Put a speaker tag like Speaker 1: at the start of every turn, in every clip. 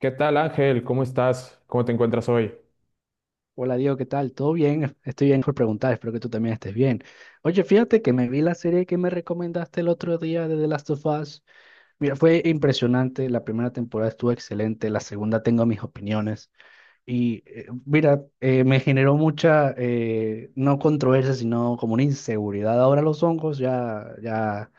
Speaker 1: ¿Qué tal, Ángel? ¿Cómo estás? ¿Cómo te encuentras hoy?
Speaker 2: Hola Diego, ¿qué tal? ¿Todo bien? Estoy bien por preguntar, espero que tú también estés bien. Oye, fíjate que me vi la serie que me recomendaste el otro día de The Last of Us. Mira, fue impresionante, la primera temporada estuvo excelente, la segunda tengo mis opiniones y mira, me generó mucha, no controversia, sino como una inseguridad. Ahora los hongos ya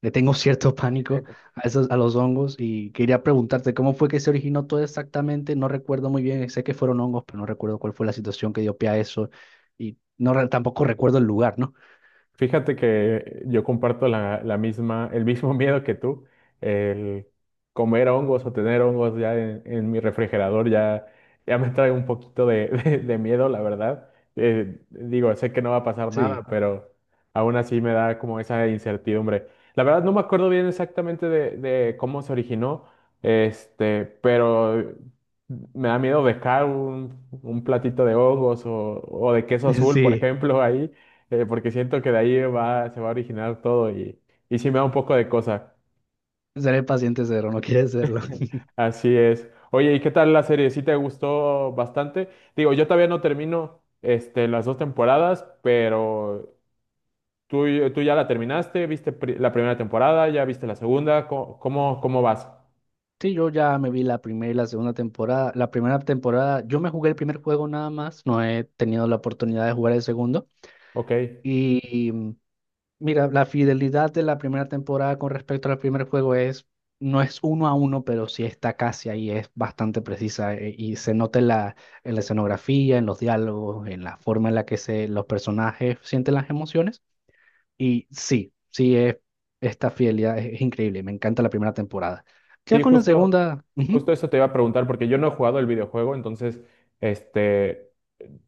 Speaker 2: le tengo cierto pánico a esos, a los hongos, y quería preguntarte cómo fue que se originó todo exactamente. No recuerdo muy bien, sé que fueron hongos, pero no recuerdo cuál fue la situación que dio pie a eso, y tampoco recuerdo el lugar, ¿no?
Speaker 1: Fíjate que yo comparto la misma, el mismo miedo que tú, el comer hongos o tener hongos ya en mi refrigerador ya, ya me trae un poquito de miedo, la verdad. Digo, sé que no va a pasar nada,
Speaker 2: Sí,
Speaker 1: pero aún así me da como esa incertidumbre. La verdad no me acuerdo bien exactamente de cómo se originó, pero me da miedo dejar un platito de hongos o de queso azul, por
Speaker 2: sí,
Speaker 1: ejemplo, ahí porque siento que de ahí va, se va a originar todo y sí me da un poco de cosa.
Speaker 2: seré paciente cero, no quiere serlo.
Speaker 1: Así es. Oye, ¿y qué tal la serie? ¿Sí te gustó bastante? Digo, yo todavía no termino las dos temporadas, pero tú, tú ya la terminaste, viste la primera temporada, ya viste la segunda, ¿cómo vas?
Speaker 2: Sí, yo ya me vi la primera y la segunda temporada. La primera temporada, yo me jugué el primer juego nada más, no he tenido la oportunidad de jugar el segundo.
Speaker 1: Ok.
Speaker 2: Y mira, la fidelidad de la primera temporada con respecto al primer juego es, no es uno a uno, pero sí está casi ahí, es bastante precisa, y se nota en la escenografía, en los diálogos, en la forma en la que los personajes sienten las emociones. Y sí, sí, esta fidelidad es increíble, me encanta la primera temporada. Ya
Speaker 1: Sí,
Speaker 2: con la
Speaker 1: justo.
Speaker 2: segunda, ujú,
Speaker 1: Justo eso te iba a preguntar, porque yo no he jugado el videojuego, entonces, este,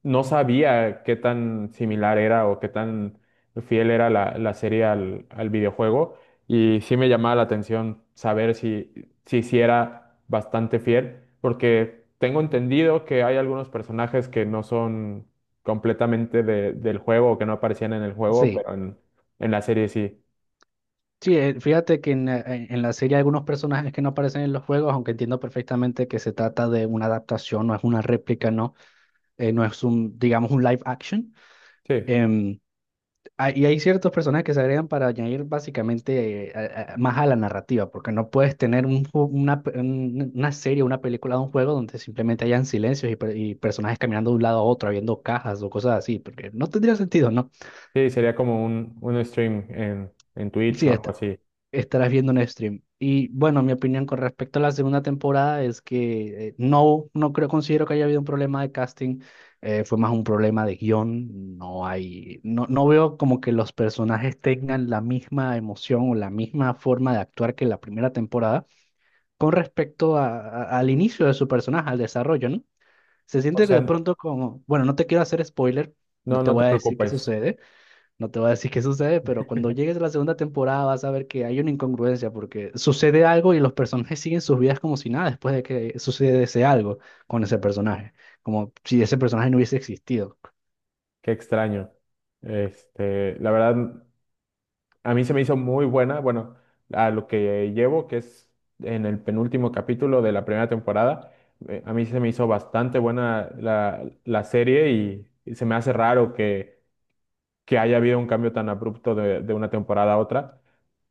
Speaker 1: no sabía qué tan similar era o qué tan fiel era la serie al videojuego, y sí me llamaba la atención saber si, si, sí era bastante fiel, porque tengo entendido que hay algunos personajes que no son completamente del juego o que no aparecían en el juego,
Speaker 2: sí.
Speaker 1: pero en la serie sí.
Speaker 2: Sí, fíjate que en la serie hay algunos personajes que no aparecen en los juegos, aunque entiendo perfectamente que se trata de una adaptación, no es una réplica, ¿no? No es un, digamos, un live action.
Speaker 1: Sí,
Speaker 2: Em, y hay ciertos personajes que se agregan para añadir básicamente, más a la narrativa, porque no puedes tener una, una serie, una película, un juego donde simplemente hayan silencios y, y personajes caminando de un lado a otro, abriendo cajas o cosas así, porque no tendría sentido, ¿no?
Speaker 1: sí, sería como un stream en Twitch
Speaker 2: Sí,
Speaker 1: o algo
Speaker 2: este,
Speaker 1: así.
Speaker 2: estarás viendo un stream. Y bueno, mi opinión con respecto a la segunda temporada es que, no, no creo, considero que haya habido un problema de casting. Fue más un problema de guión, no hay, no, no veo como que los personajes tengan la misma emoción o la misma forma de actuar que la primera temporada con respecto al inicio de su personaje, al desarrollo, ¿no? Se
Speaker 1: O
Speaker 2: siente que de
Speaker 1: sea,
Speaker 2: pronto como, bueno, no te quiero hacer spoiler, no
Speaker 1: no,
Speaker 2: te
Speaker 1: no te
Speaker 2: voy a decir qué
Speaker 1: preocupes,
Speaker 2: sucede no te voy a decir qué sucede, pero cuando llegues a la segunda temporada vas a ver que hay una incongruencia porque sucede algo y los personajes siguen sus vidas como si nada después de que sucede ese algo con ese personaje, como si ese personaje no hubiese existido.
Speaker 1: qué extraño. La verdad, a mí se me hizo muy buena, bueno, a lo que llevo, que es en el penúltimo capítulo de la primera temporada, a mí se me hizo bastante buena la serie y se me hace raro que haya habido un cambio tan abrupto de una temporada a otra.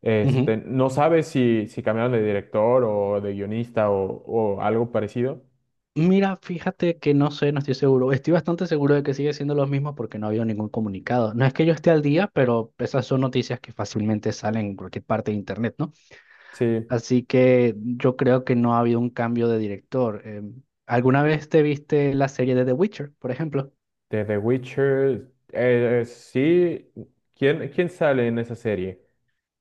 Speaker 2: Ujú.
Speaker 1: No sabes si, si cambiaron de director o de guionista o algo parecido.
Speaker 2: Mira, fíjate que no sé, no estoy seguro. Estoy bastante seguro de que sigue siendo lo mismo porque no ha habido ningún comunicado. No es que yo esté al día, pero esas son noticias que fácilmente salen en cualquier parte de internet, ¿no?
Speaker 1: Sí.
Speaker 2: Así que yo creo que no ha habido un cambio de director. ¿Alguna vez te viste la serie de The Witcher, por ejemplo?
Speaker 1: De The Witcher, sí. ¿Quién sale en esa serie?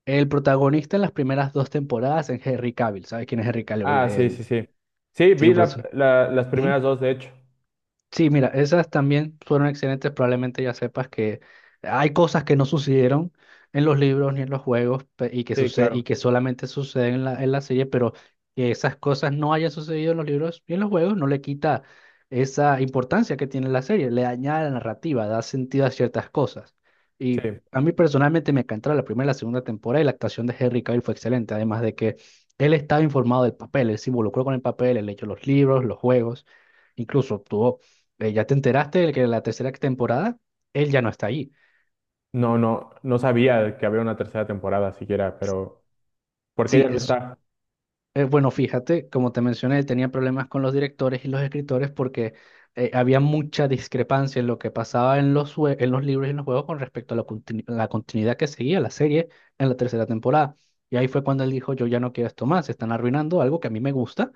Speaker 2: El protagonista en las primeras dos temporadas es Henry Cavill. ¿Sabes quién es Henry Cavill?
Speaker 1: Ah, sí, sí,
Speaker 2: El...
Speaker 1: sí. Sí,
Speaker 2: Sí,
Speaker 1: vi
Speaker 2: por eso.
Speaker 1: las primeras dos, de hecho.
Speaker 2: Sí, mira, esas también fueron excelentes. Probablemente ya sepas que hay cosas que no sucedieron en los libros ni en los juegos, y que
Speaker 1: Sí,
Speaker 2: sucede, y
Speaker 1: claro.
Speaker 2: que solamente suceden en la serie, pero que esas cosas no hayan sucedido en los libros ni en los juegos no le quita esa importancia que tiene la serie, le añade la narrativa, da sentido a ciertas cosas. Y
Speaker 1: Sí.
Speaker 2: a mí personalmente me encantó la primera y la segunda temporada, y la actuación de Henry Cavill fue excelente, además de que él estaba informado del papel, él se involucró con el papel, él leyó los libros, los juegos, incluso obtuvo, ¿ya te enteraste de que la tercera temporada, él ya no está ahí?
Speaker 1: No, no, no sabía que había una tercera temporada siquiera, pero porque
Speaker 2: Sí,
Speaker 1: ella no
Speaker 2: es,
Speaker 1: está.
Speaker 2: bueno, fíjate, como te mencioné, él tenía problemas con los directores y los escritores porque, había mucha discrepancia en lo que pasaba en los, en los libros y en los juegos con respecto a la, la continuidad que seguía la serie en la tercera temporada. Y ahí fue cuando él dijo, yo ya no quiero esto más, están arruinando algo que a mí me gusta.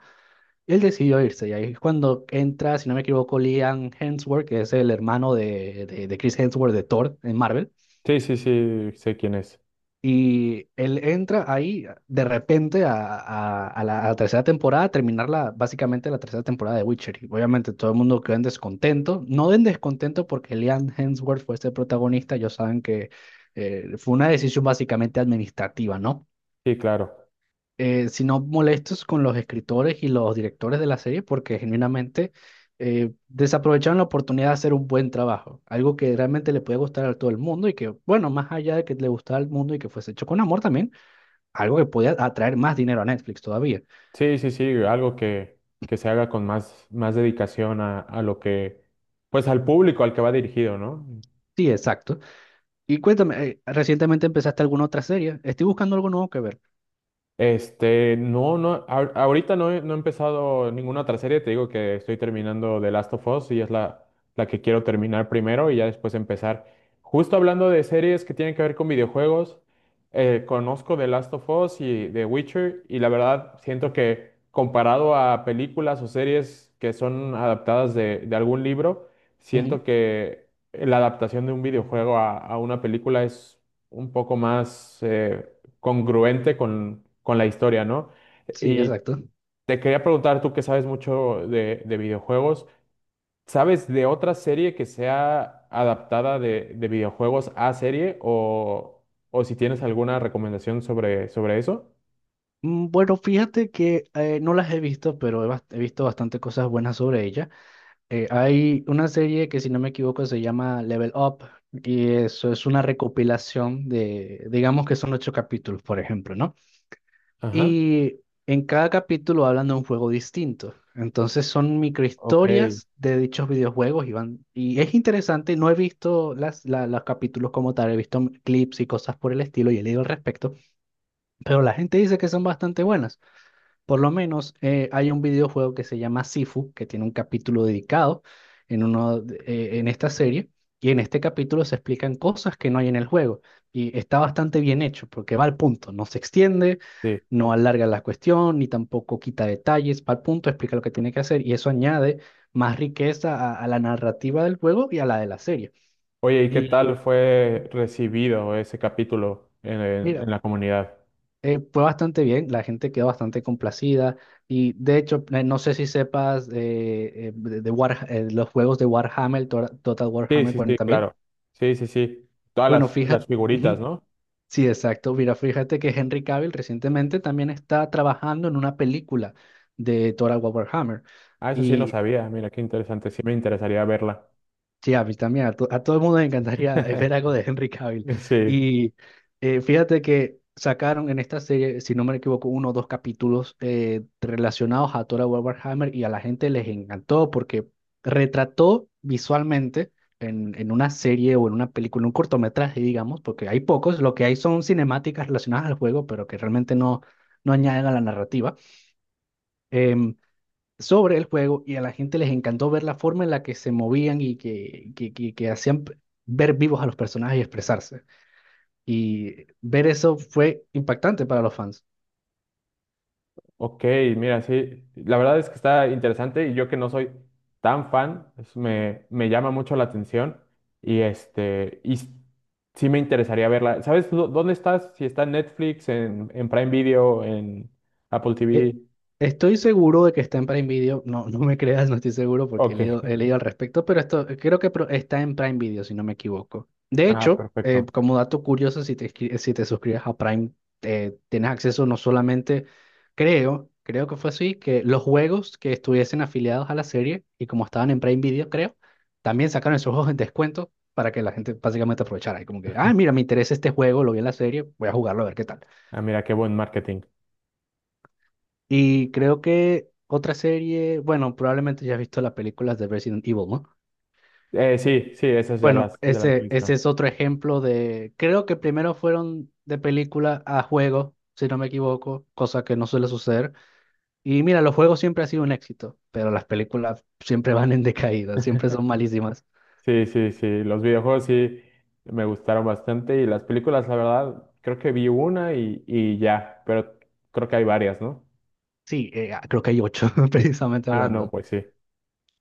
Speaker 2: Él decidió irse y ahí es cuando entra, si no me equivoco, Liam Hemsworth, que es el hermano de Chris Hemsworth, de Thor en Marvel.
Speaker 1: Sí, sí, sí, sé quién es.
Speaker 2: Y él entra ahí de repente a, a la tercera temporada, a terminar la, básicamente la tercera temporada de Witcher. Y obviamente todo el mundo quedó en descontento. No en descontento porque Liam Hemsworth fue este protagonista. Ellos saben que, fue una decisión básicamente administrativa, ¿no?
Speaker 1: Sí, claro.
Speaker 2: Sino molestos con los escritores y los directores de la serie porque genuinamente, desaprovecharon la oportunidad de hacer un buen trabajo. Algo que realmente le puede gustar a todo el mundo y que, bueno, más allá de que le gustara al mundo y que fuese hecho con amor, también algo que podía atraer más dinero a Netflix todavía.
Speaker 1: Sí, sí, sí, algo que se haga con más, más dedicación a lo que, pues al público al que va dirigido, ¿no?
Speaker 2: Sí, exacto. Y cuéntame, ¿recientemente empezaste alguna otra serie? Estoy buscando algo nuevo que ver.
Speaker 1: No, no, ahorita no he, no he empezado ninguna otra serie, te digo que estoy terminando The Last of Us y es la que quiero terminar primero y ya después empezar. Justo hablando de series que tienen que ver con videojuegos, conozco The Last of Us y The Witcher y la verdad siento que comparado a películas o series que son adaptadas de algún libro,
Speaker 2: Ujú.
Speaker 1: siento que la adaptación de un videojuego a una película es un poco más congruente con la historia, ¿no?
Speaker 2: Sí,
Speaker 1: Y
Speaker 2: exacto.
Speaker 1: te quería preguntar, tú que sabes mucho de videojuegos, ¿sabes de otra serie que sea adaptada de videojuegos a serie o si tienes alguna recomendación sobre, sobre eso?
Speaker 2: Bueno, fíjate que, no las he visto, pero he visto bastante cosas buenas sobre ella. Hay una serie que, si no me equivoco, se llama Level Up, y eso es una recopilación de, digamos que son ocho capítulos, por ejemplo, ¿no?
Speaker 1: Ajá,
Speaker 2: Y en cada capítulo hablan de un juego distinto. Entonces son
Speaker 1: ok,
Speaker 2: microhistorias de dichos videojuegos y y es interesante, no he visto las, los capítulos como tal, he visto clips y cosas por el estilo y he leído al respecto, pero la gente dice que son bastante buenas. Por lo menos, hay un videojuego que se llama Sifu, que tiene un capítulo dedicado en esta serie, y en este capítulo se explican cosas que no hay en el juego, y está bastante bien hecho porque va al punto, no se extiende,
Speaker 1: sí.
Speaker 2: no alarga la cuestión, ni tampoco quita detalles, va al punto, explica lo que tiene que hacer, y eso añade más riqueza a la narrativa del juego y a la de la serie.
Speaker 1: Oye, ¿y qué
Speaker 2: Y
Speaker 1: tal fue
Speaker 2: y,
Speaker 1: recibido ese capítulo en,
Speaker 2: mira,
Speaker 1: en la comunidad?
Speaker 2: Fue bastante bien, la gente quedó bastante complacida, y de hecho, no sé si sepas, de los juegos de Warhammer, Total
Speaker 1: Sí,
Speaker 2: Warhammer
Speaker 1: sí, sí,
Speaker 2: 40,000.
Speaker 1: claro. Sí, sí, sí. Todas
Speaker 2: Bueno,
Speaker 1: las
Speaker 2: fíjate,
Speaker 1: figuritas,
Speaker 2: ujú,
Speaker 1: ¿no?
Speaker 2: sí, exacto, mira, fíjate que Henry Cavill recientemente también está trabajando en una película de Total Warhammer.
Speaker 1: Ah, eso sí no
Speaker 2: Y
Speaker 1: sabía. Mira, qué interesante. Sí me interesaría verla.
Speaker 2: sí, a mí también, a todo el mundo le encantaría, ver algo de Henry Cavill.
Speaker 1: Sí,
Speaker 2: Y, fíjate que sacaron en esta serie, si no me equivoco, uno o dos capítulos, relacionados a Thor Warhammer, y a la gente les encantó porque retrató visualmente, en una serie o en una película, en un cortometraje, digamos, porque hay pocos, lo que hay son cinemáticas relacionadas al juego, pero que realmente no, no añaden a la narrativa Em, sobre el juego, y a la gente les encantó ver la forma en la que se movían y que hacían ver vivos a los personajes y expresarse. Y ver eso fue impactante para los fans.
Speaker 1: ok, mira, sí, la verdad es que está interesante y yo que no soy tan fan, pues, me llama mucho la atención y este, sí me interesaría verla. ¿Sabes dónde estás? Si está en Netflix, en Prime Video, en Apple
Speaker 2: Eh,
Speaker 1: TV.
Speaker 2: Estoy seguro de que está en Prime Video. No, no me creas, no estoy seguro porque
Speaker 1: Ok,
Speaker 2: he leído al respecto, pero esto creo que está en Prime Video, si no me equivoco. De
Speaker 1: ah,
Speaker 2: hecho,
Speaker 1: perfecto.
Speaker 2: como dato curioso, si si te suscribes a Prime, tienes acceso no solamente, creo, creo que fue así, que los juegos que estuviesen afiliados a la serie y como estaban en Prime Video, creo, también sacaron esos juegos en descuento para que la gente básicamente aprovechara. Y como que, ah, mira, me interesa este juego, lo vi en la serie, voy a jugarlo a ver qué tal.
Speaker 1: Ah, mira, qué buen marketing.
Speaker 2: Y creo que otra serie, bueno, probablemente ya has visto las películas de Resident Evil, ¿no?
Speaker 1: Sí, sí, esas
Speaker 2: Bueno,
Speaker 1: ya las he
Speaker 2: ese
Speaker 1: visto.
Speaker 2: es otro ejemplo de, creo que primero fueron de película a juego, si no me equivoco, cosa que no suele suceder. Y mira, los juegos siempre han sido un éxito, pero las películas siempre van en decaída, siempre son malísimas.
Speaker 1: Sí, sí, sí, los videojuegos sí me gustaron bastante y las películas, la verdad, creo que vi una y ya, pero creo que hay varias, ¿no?
Speaker 2: Sí, ah, creo que hay ocho, precisamente
Speaker 1: Ah, no,
Speaker 2: hablando.
Speaker 1: pues sí.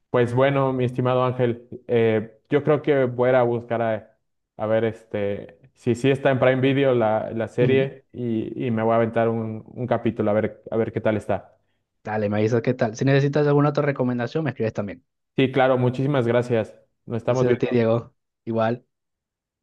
Speaker 1: Pues bueno, mi estimado Ángel, yo creo que voy a ir a buscar a ver si sí está en Prime Video la
Speaker 2: Ujú.
Speaker 1: serie y me voy a aventar un capítulo a ver qué tal está.
Speaker 2: Dale, me avisas qué tal. Si necesitas alguna otra recomendación, me escribes también.
Speaker 1: Sí, claro, muchísimas gracias. Nos estamos
Speaker 2: Gracias a ti,
Speaker 1: viendo.
Speaker 2: Diego. Igual.